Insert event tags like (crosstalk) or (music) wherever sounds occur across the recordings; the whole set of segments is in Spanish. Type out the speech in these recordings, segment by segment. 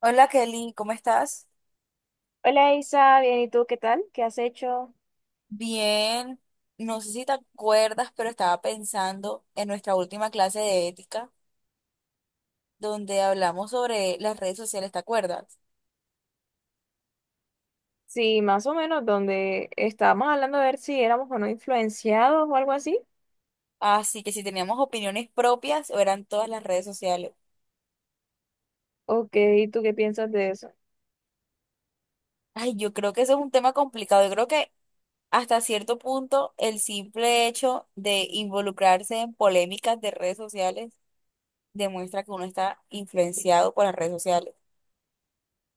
Hola Kelly, ¿cómo estás? Hola Isa, bien, ¿y tú qué tal? ¿Qué has hecho? Bien, no sé si te acuerdas, pero estaba pensando en nuestra última clase de ética, donde hablamos sobre las redes sociales, ¿te acuerdas? Sí, más o menos donde estábamos hablando de ver si éramos o no influenciados o algo así. Así que si teníamos opiniones propias o eran todas las redes sociales. Ok, ¿y tú qué piensas de eso? Ay, yo creo que eso es un tema complicado. Yo creo que hasta cierto punto el simple hecho de involucrarse en polémicas de redes sociales demuestra que uno está influenciado por las redes sociales.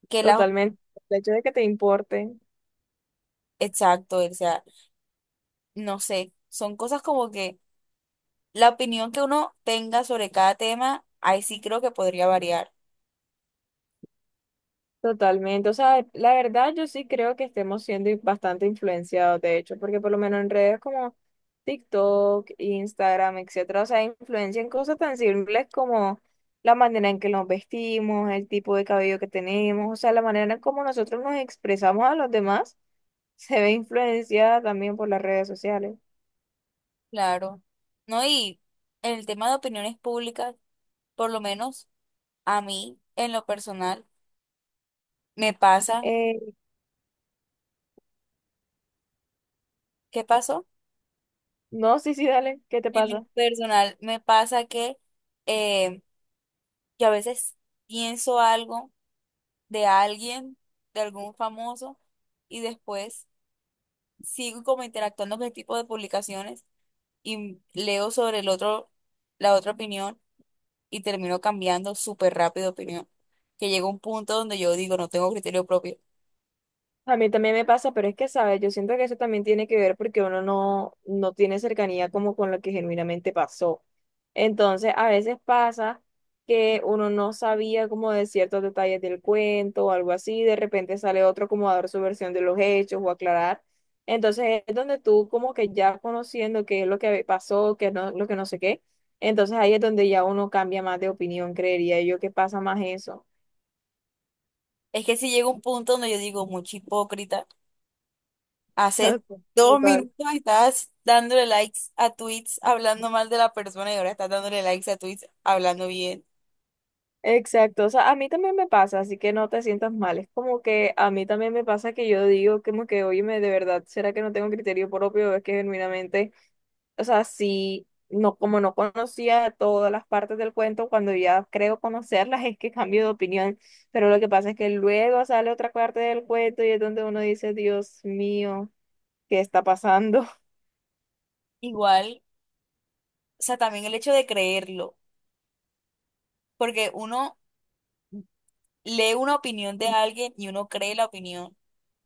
Que las, Totalmente. El hecho de que te importe. exacto, o sea, no sé, son cosas como que la opinión que uno tenga sobre cada tema, ahí sí creo que podría variar, Totalmente, o sea, la verdad yo sí creo que estemos siendo bastante influenciados, de hecho, porque por lo menos en redes como TikTok, Instagram, etcétera, o sea, influencian cosas tan simples como la manera en que nos vestimos, el tipo de cabello que tenemos, o sea, la manera en cómo nosotros nos expresamos a los demás (laughs) se ve influenciada también por las redes sociales. claro. No, y en el tema de opiniones públicas, por lo menos a mí, en lo personal, me pasa. Eh, ¿Qué pasó? no, sí, sí, dale, ¿qué te En lo pasa? personal, me pasa eh, que a veces pienso algo de alguien, de algún famoso, y después sigo como interactuando con el tipo de publicaciones y leo sobre el otro, la otra opinión, y termino cambiando súper rápido de opinión. Que llega un punto donde yo digo, no tengo criterio propio. A mí también me pasa, pero es que, ¿sabes? Yo siento que eso también tiene que ver porque uno no, no tiene cercanía como con lo que genuinamente pasó. Entonces, a veces pasa que uno no sabía como de ciertos detalles del cuento o algo así, y de repente sale otro como a dar su versión de los hechos o aclarar. Entonces, es donde tú como que ya conociendo qué es lo que pasó, qué es no- lo que no sé qué, entonces ahí es donde ya uno cambia más de opinión, creería yo que pasa más eso. Es que si llega un punto donde yo digo, mucho hipócrita, hace (laughs) 2 (laughs) Total. minutos estás dándole likes a tweets hablando mal de la persona y ahora estás dándole likes a tweets hablando bien. Exacto, o sea, a mí también me pasa, así que no te sientas mal. Es como que a mí también me pasa que yo digo como que, óyeme, de verdad, ¿será que no tengo criterio propio? Es que genuinamente, o sea, sí, no, como no conocía todas las partes del cuento, cuando ya creo conocerlas es que cambio de opinión, pero lo que pasa es que luego sale otra parte del cuento y es donde uno dice, Dios mío, ¿qué está pasando? Igual, o sea, también el hecho de creerlo, porque uno lee una opinión de alguien y uno cree la opinión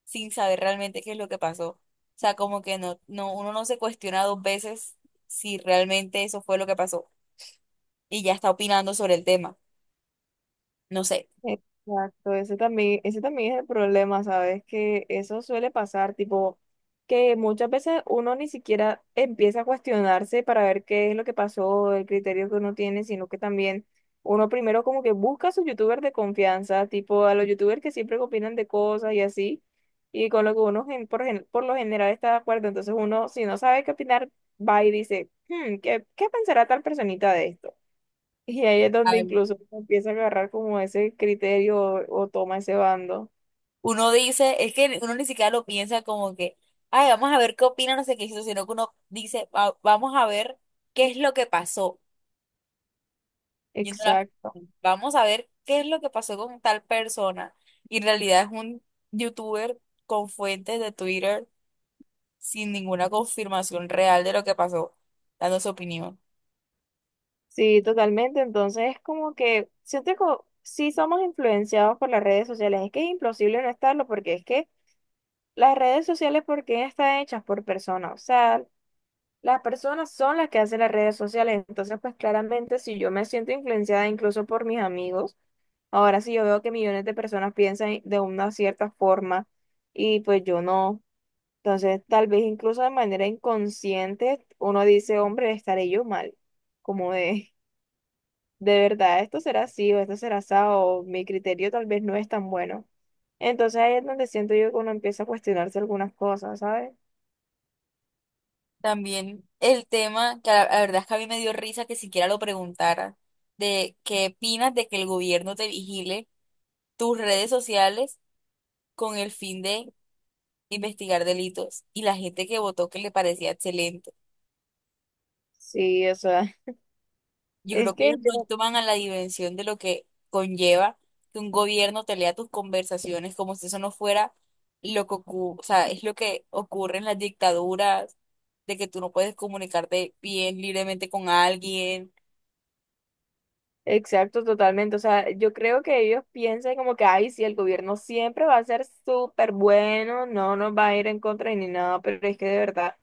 sin saber realmente qué es lo que pasó. O sea, como que uno no se cuestiona dos veces si realmente eso fue lo que pasó, y ya está opinando sobre el tema. No sé. Exacto, ese también es el problema, ¿sabes? Que eso suele pasar, tipo, que muchas veces uno ni siquiera empieza a cuestionarse para ver qué es lo que pasó, el criterio que uno tiene, sino que también uno primero como que busca a sus youtubers de confianza, tipo a los youtubers que siempre opinan de cosas y así, y con lo que uno por lo general está de acuerdo. Entonces uno, si no sabe qué opinar, va y dice, "Hmm, ¿qué pensará tal personita de esto? Y ahí es donde al- incluso uno empieza a agarrar como ese criterio o toma ese bando. Uno dice, es que uno ni siquiera lo piensa como que, ay, vamos a ver qué opina, no sé qué hizo, sino que uno dice, "Va- vamos a ver qué es lo que pasó". Y Exacto. vamos a ver qué es lo que pasó con tal persona. Y en realidad es un youtuber con fuentes de Twitter sin ninguna confirmación real de lo que pasó, dando su opinión. Sí, totalmente. Entonces es como que siento que sí somos influenciados por las redes sociales. Es que es imposible no estarlo porque es que las redes sociales, ¿por qué están hechas por personas? O sea, las personas son las que hacen las redes sociales. Entonces, pues claramente si yo me siento influenciada incluso por mis amigos, ahora sí yo veo que millones de personas piensan de una cierta forma y pues yo no. Entonces, tal vez incluso de manera inconsciente, uno dice, hombre, estaré yo mal. Como de verdad, esto será así o esto será así, o mi criterio tal vez no es tan bueno. Entonces ahí es donde siento yo que uno empieza a cuestionarse algunas cosas, ¿sabes? También el tema, que la verdad es que a mí me dio risa que siquiera lo preguntara, de qué opinas de que el gobierno te vigile tus redes sociales con el fin de investigar delitos y la gente que votó que le parecía excelente. Sí, o sea, (laughs) Yo es creo que que ellos no yo, toman a la dimensión de lo que conlleva que un gobierno te lea tus conversaciones como si eso no fuera lo que ocurre, o sea, es lo que ocurre en las dictaduras, de que tú no puedes comunicarte bien libremente con alguien. exacto, totalmente. O sea, yo creo que ellos piensan como que, ay, sí, el gobierno siempre va a ser súper bueno, no nos va a ir en contra ni nada, pero es que de verdad.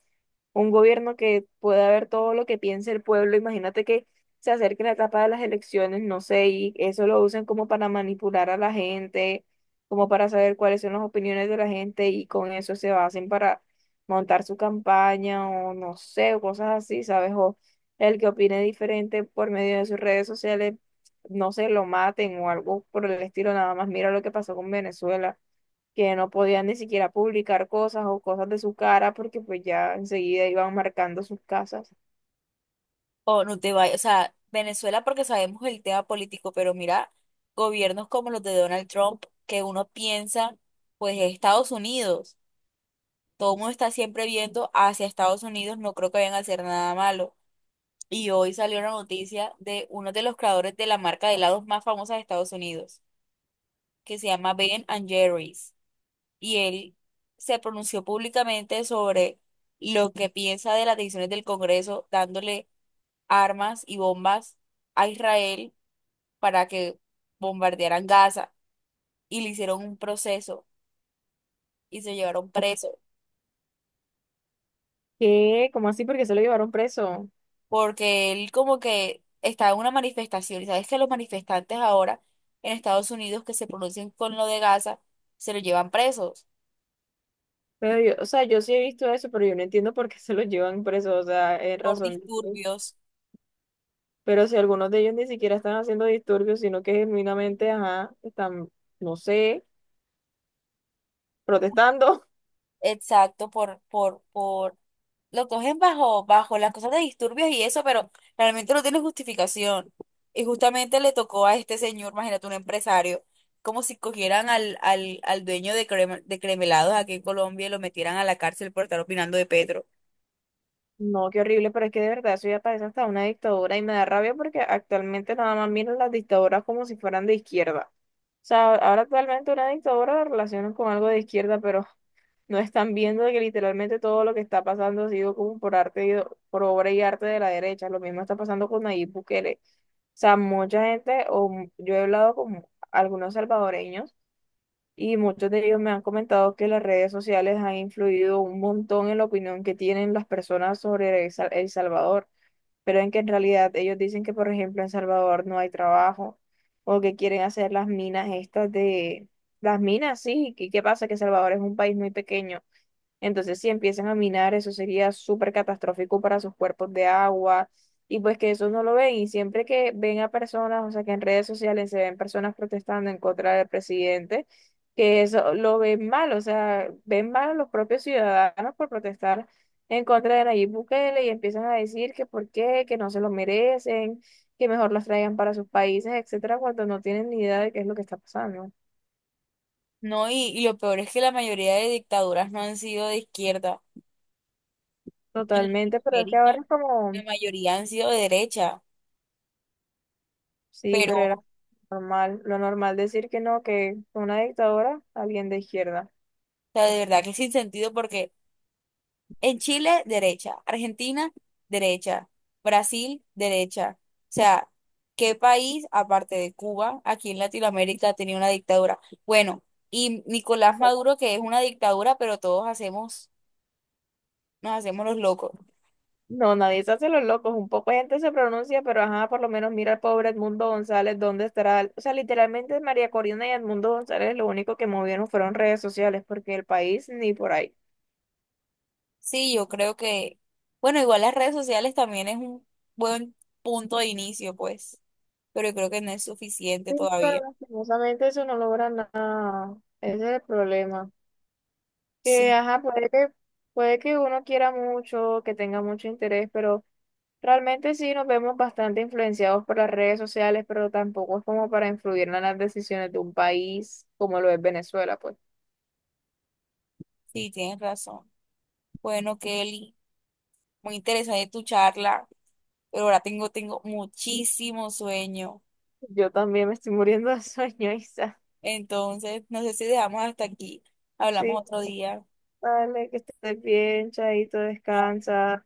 Un gobierno que pueda ver todo lo que piense el pueblo. Imagínate que se acerque la etapa de las elecciones, no sé, y eso lo usen como para manipular a la gente, como para saber cuáles son las opiniones de la gente y con eso se basen para montar su campaña o no sé, o cosas así, ¿sabes? O el que opine diferente por medio de sus redes sociales, no se lo maten o algo por el estilo, nada más. Mira lo que pasó con Venezuela que no podían ni siquiera publicar cosas o cosas de su cara porque pues ya enseguida iban marcando sus casas. O no te vayas, o sea, Venezuela porque sabemos el tema político, pero mira, gobiernos como los de Donald Trump, que uno piensa, pues es Estados Unidos, todo el mundo está siempre viendo hacia Estados Unidos, no creo que vayan a hacer nada malo. Y hoy salió una noticia de uno de los creadores de la marca de helados más famosa de Estados Unidos, que se llama Ben and Jerry's, y él se pronunció públicamente sobre lo que piensa de las decisiones del Congreso, dándole armas y bombas a Israel para que bombardearan Gaza, y le hicieron un proceso y se llevaron preso ¿Qué? ¿Cómo así? ¿Porque se lo llevaron preso? porque él como que estaba en una manifestación, y sabes que los manifestantes ahora en Estados Unidos que se pronuncian con lo de Gaza se lo llevan presos Pero yo, o sea, yo sí he visto eso, pero yo no entiendo por qué se lo llevan preso, o sea, ¿es por razón de qué? disturbios, Pero si algunos de ellos ni siquiera están haciendo disturbios, sino que genuinamente, ajá, están, no sé, protestando. exacto, por lo cogen bajo las cosas de disturbios y eso, pero realmente no tiene justificación. Y justamente le tocó a este señor, imagínate, un empresario, como si cogieran al dueño de, de cremelados aquí en Colombia y lo metieran a la cárcel por estar opinando de Petro. No, qué horrible, pero es que de verdad eso ya parece hasta una dictadura y me da rabia porque actualmente nada más miran las dictaduras como si fueran de izquierda. O sea, ahora actualmente una dictadura la relacionan con algo de izquierda, pero no están viendo que literalmente todo lo que está pasando ha sido como por arte y, por obra y arte de la derecha. Lo mismo está pasando con Nayib Bukele. O sea, mucha gente, yo he hablado con algunos salvadoreños y muchos de ellos me han comentado que las redes sociales han influido un montón en la opinión que tienen las personas sobre El Salvador, pero en que en realidad ellos dicen que, por ejemplo, en Salvador no hay trabajo o que quieren hacer las minas estas de... Las minas, sí. ¿Y qué pasa? Que Salvador es un país muy pequeño. Entonces, si empiezan a minar, eso sería súper catastrófico para sus cuerpos de agua y pues que eso no lo ven. Y siempre que ven a personas, o sea, que en redes sociales se ven personas protestando en contra del presidente, que eso lo ven mal, o sea, ven mal a los propios ciudadanos por protestar en contra de Nayib Bukele y empiezan a decir que por qué, que no se lo merecen, que mejor los traigan para sus países, etcétera, cuando no tienen ni idea de qué es lo que está pasando. No, y lo peor es que la mayoría de dictaduras no han sido de izquierda. En Totalmente, pero es que Latinoamérica, ahora es la como mayoría han sido de derecha, Sí, pero, pero era o normal, lo normal decir que no, que una dictadora, alguien de izquierda. sea, de verdad que sin sentido porque en Chile, derecha. Argentina, derecha. Brasil, derecha. O sea, ¿qué país, aparte de Cuba, aquí en Latinoamérica tenía una dictadura? Bueno, y Nicolás Maduro, que es una dictadura, pero todos hacemos, nos hacemos los locos. No, nadie se hace los locos, un poco de gente se pronuncia, pero ajá, por lo menos mira al pobre Edmundo González, ¿dónde estará? O sea, literalmente María Corina y Edmundo González lo único que movieron fueron redes sociales, porque el país ni por ahí. Sí, yo creo que, bueno, igual las redes sociales también es un buen punto de inicio, pues, pero yo creo que no es suficiente Sí, pero todavía. lastimosamente eso no logra nada. Ese es el problema. Que, Sí, ajá, puede que uno quiera mucho, que tenga mucho interés, pero realmente sí nos vemos bastante influenciados por las redes sociales, pero tampoco es como para influir en las decisiones de un país como lo es Venezuela, pues. sí, tienes razón. Bueno, Kelly, muy interesante tu charla, pero ahora tengo muchísimo sueño. Yo también me estoy muriendo de (laughs) sueño, Isa. Entonces, no sé si dejamos hasta aquí. Sí, Hablamos otro día. vale, que estés bien, chaito, descansa.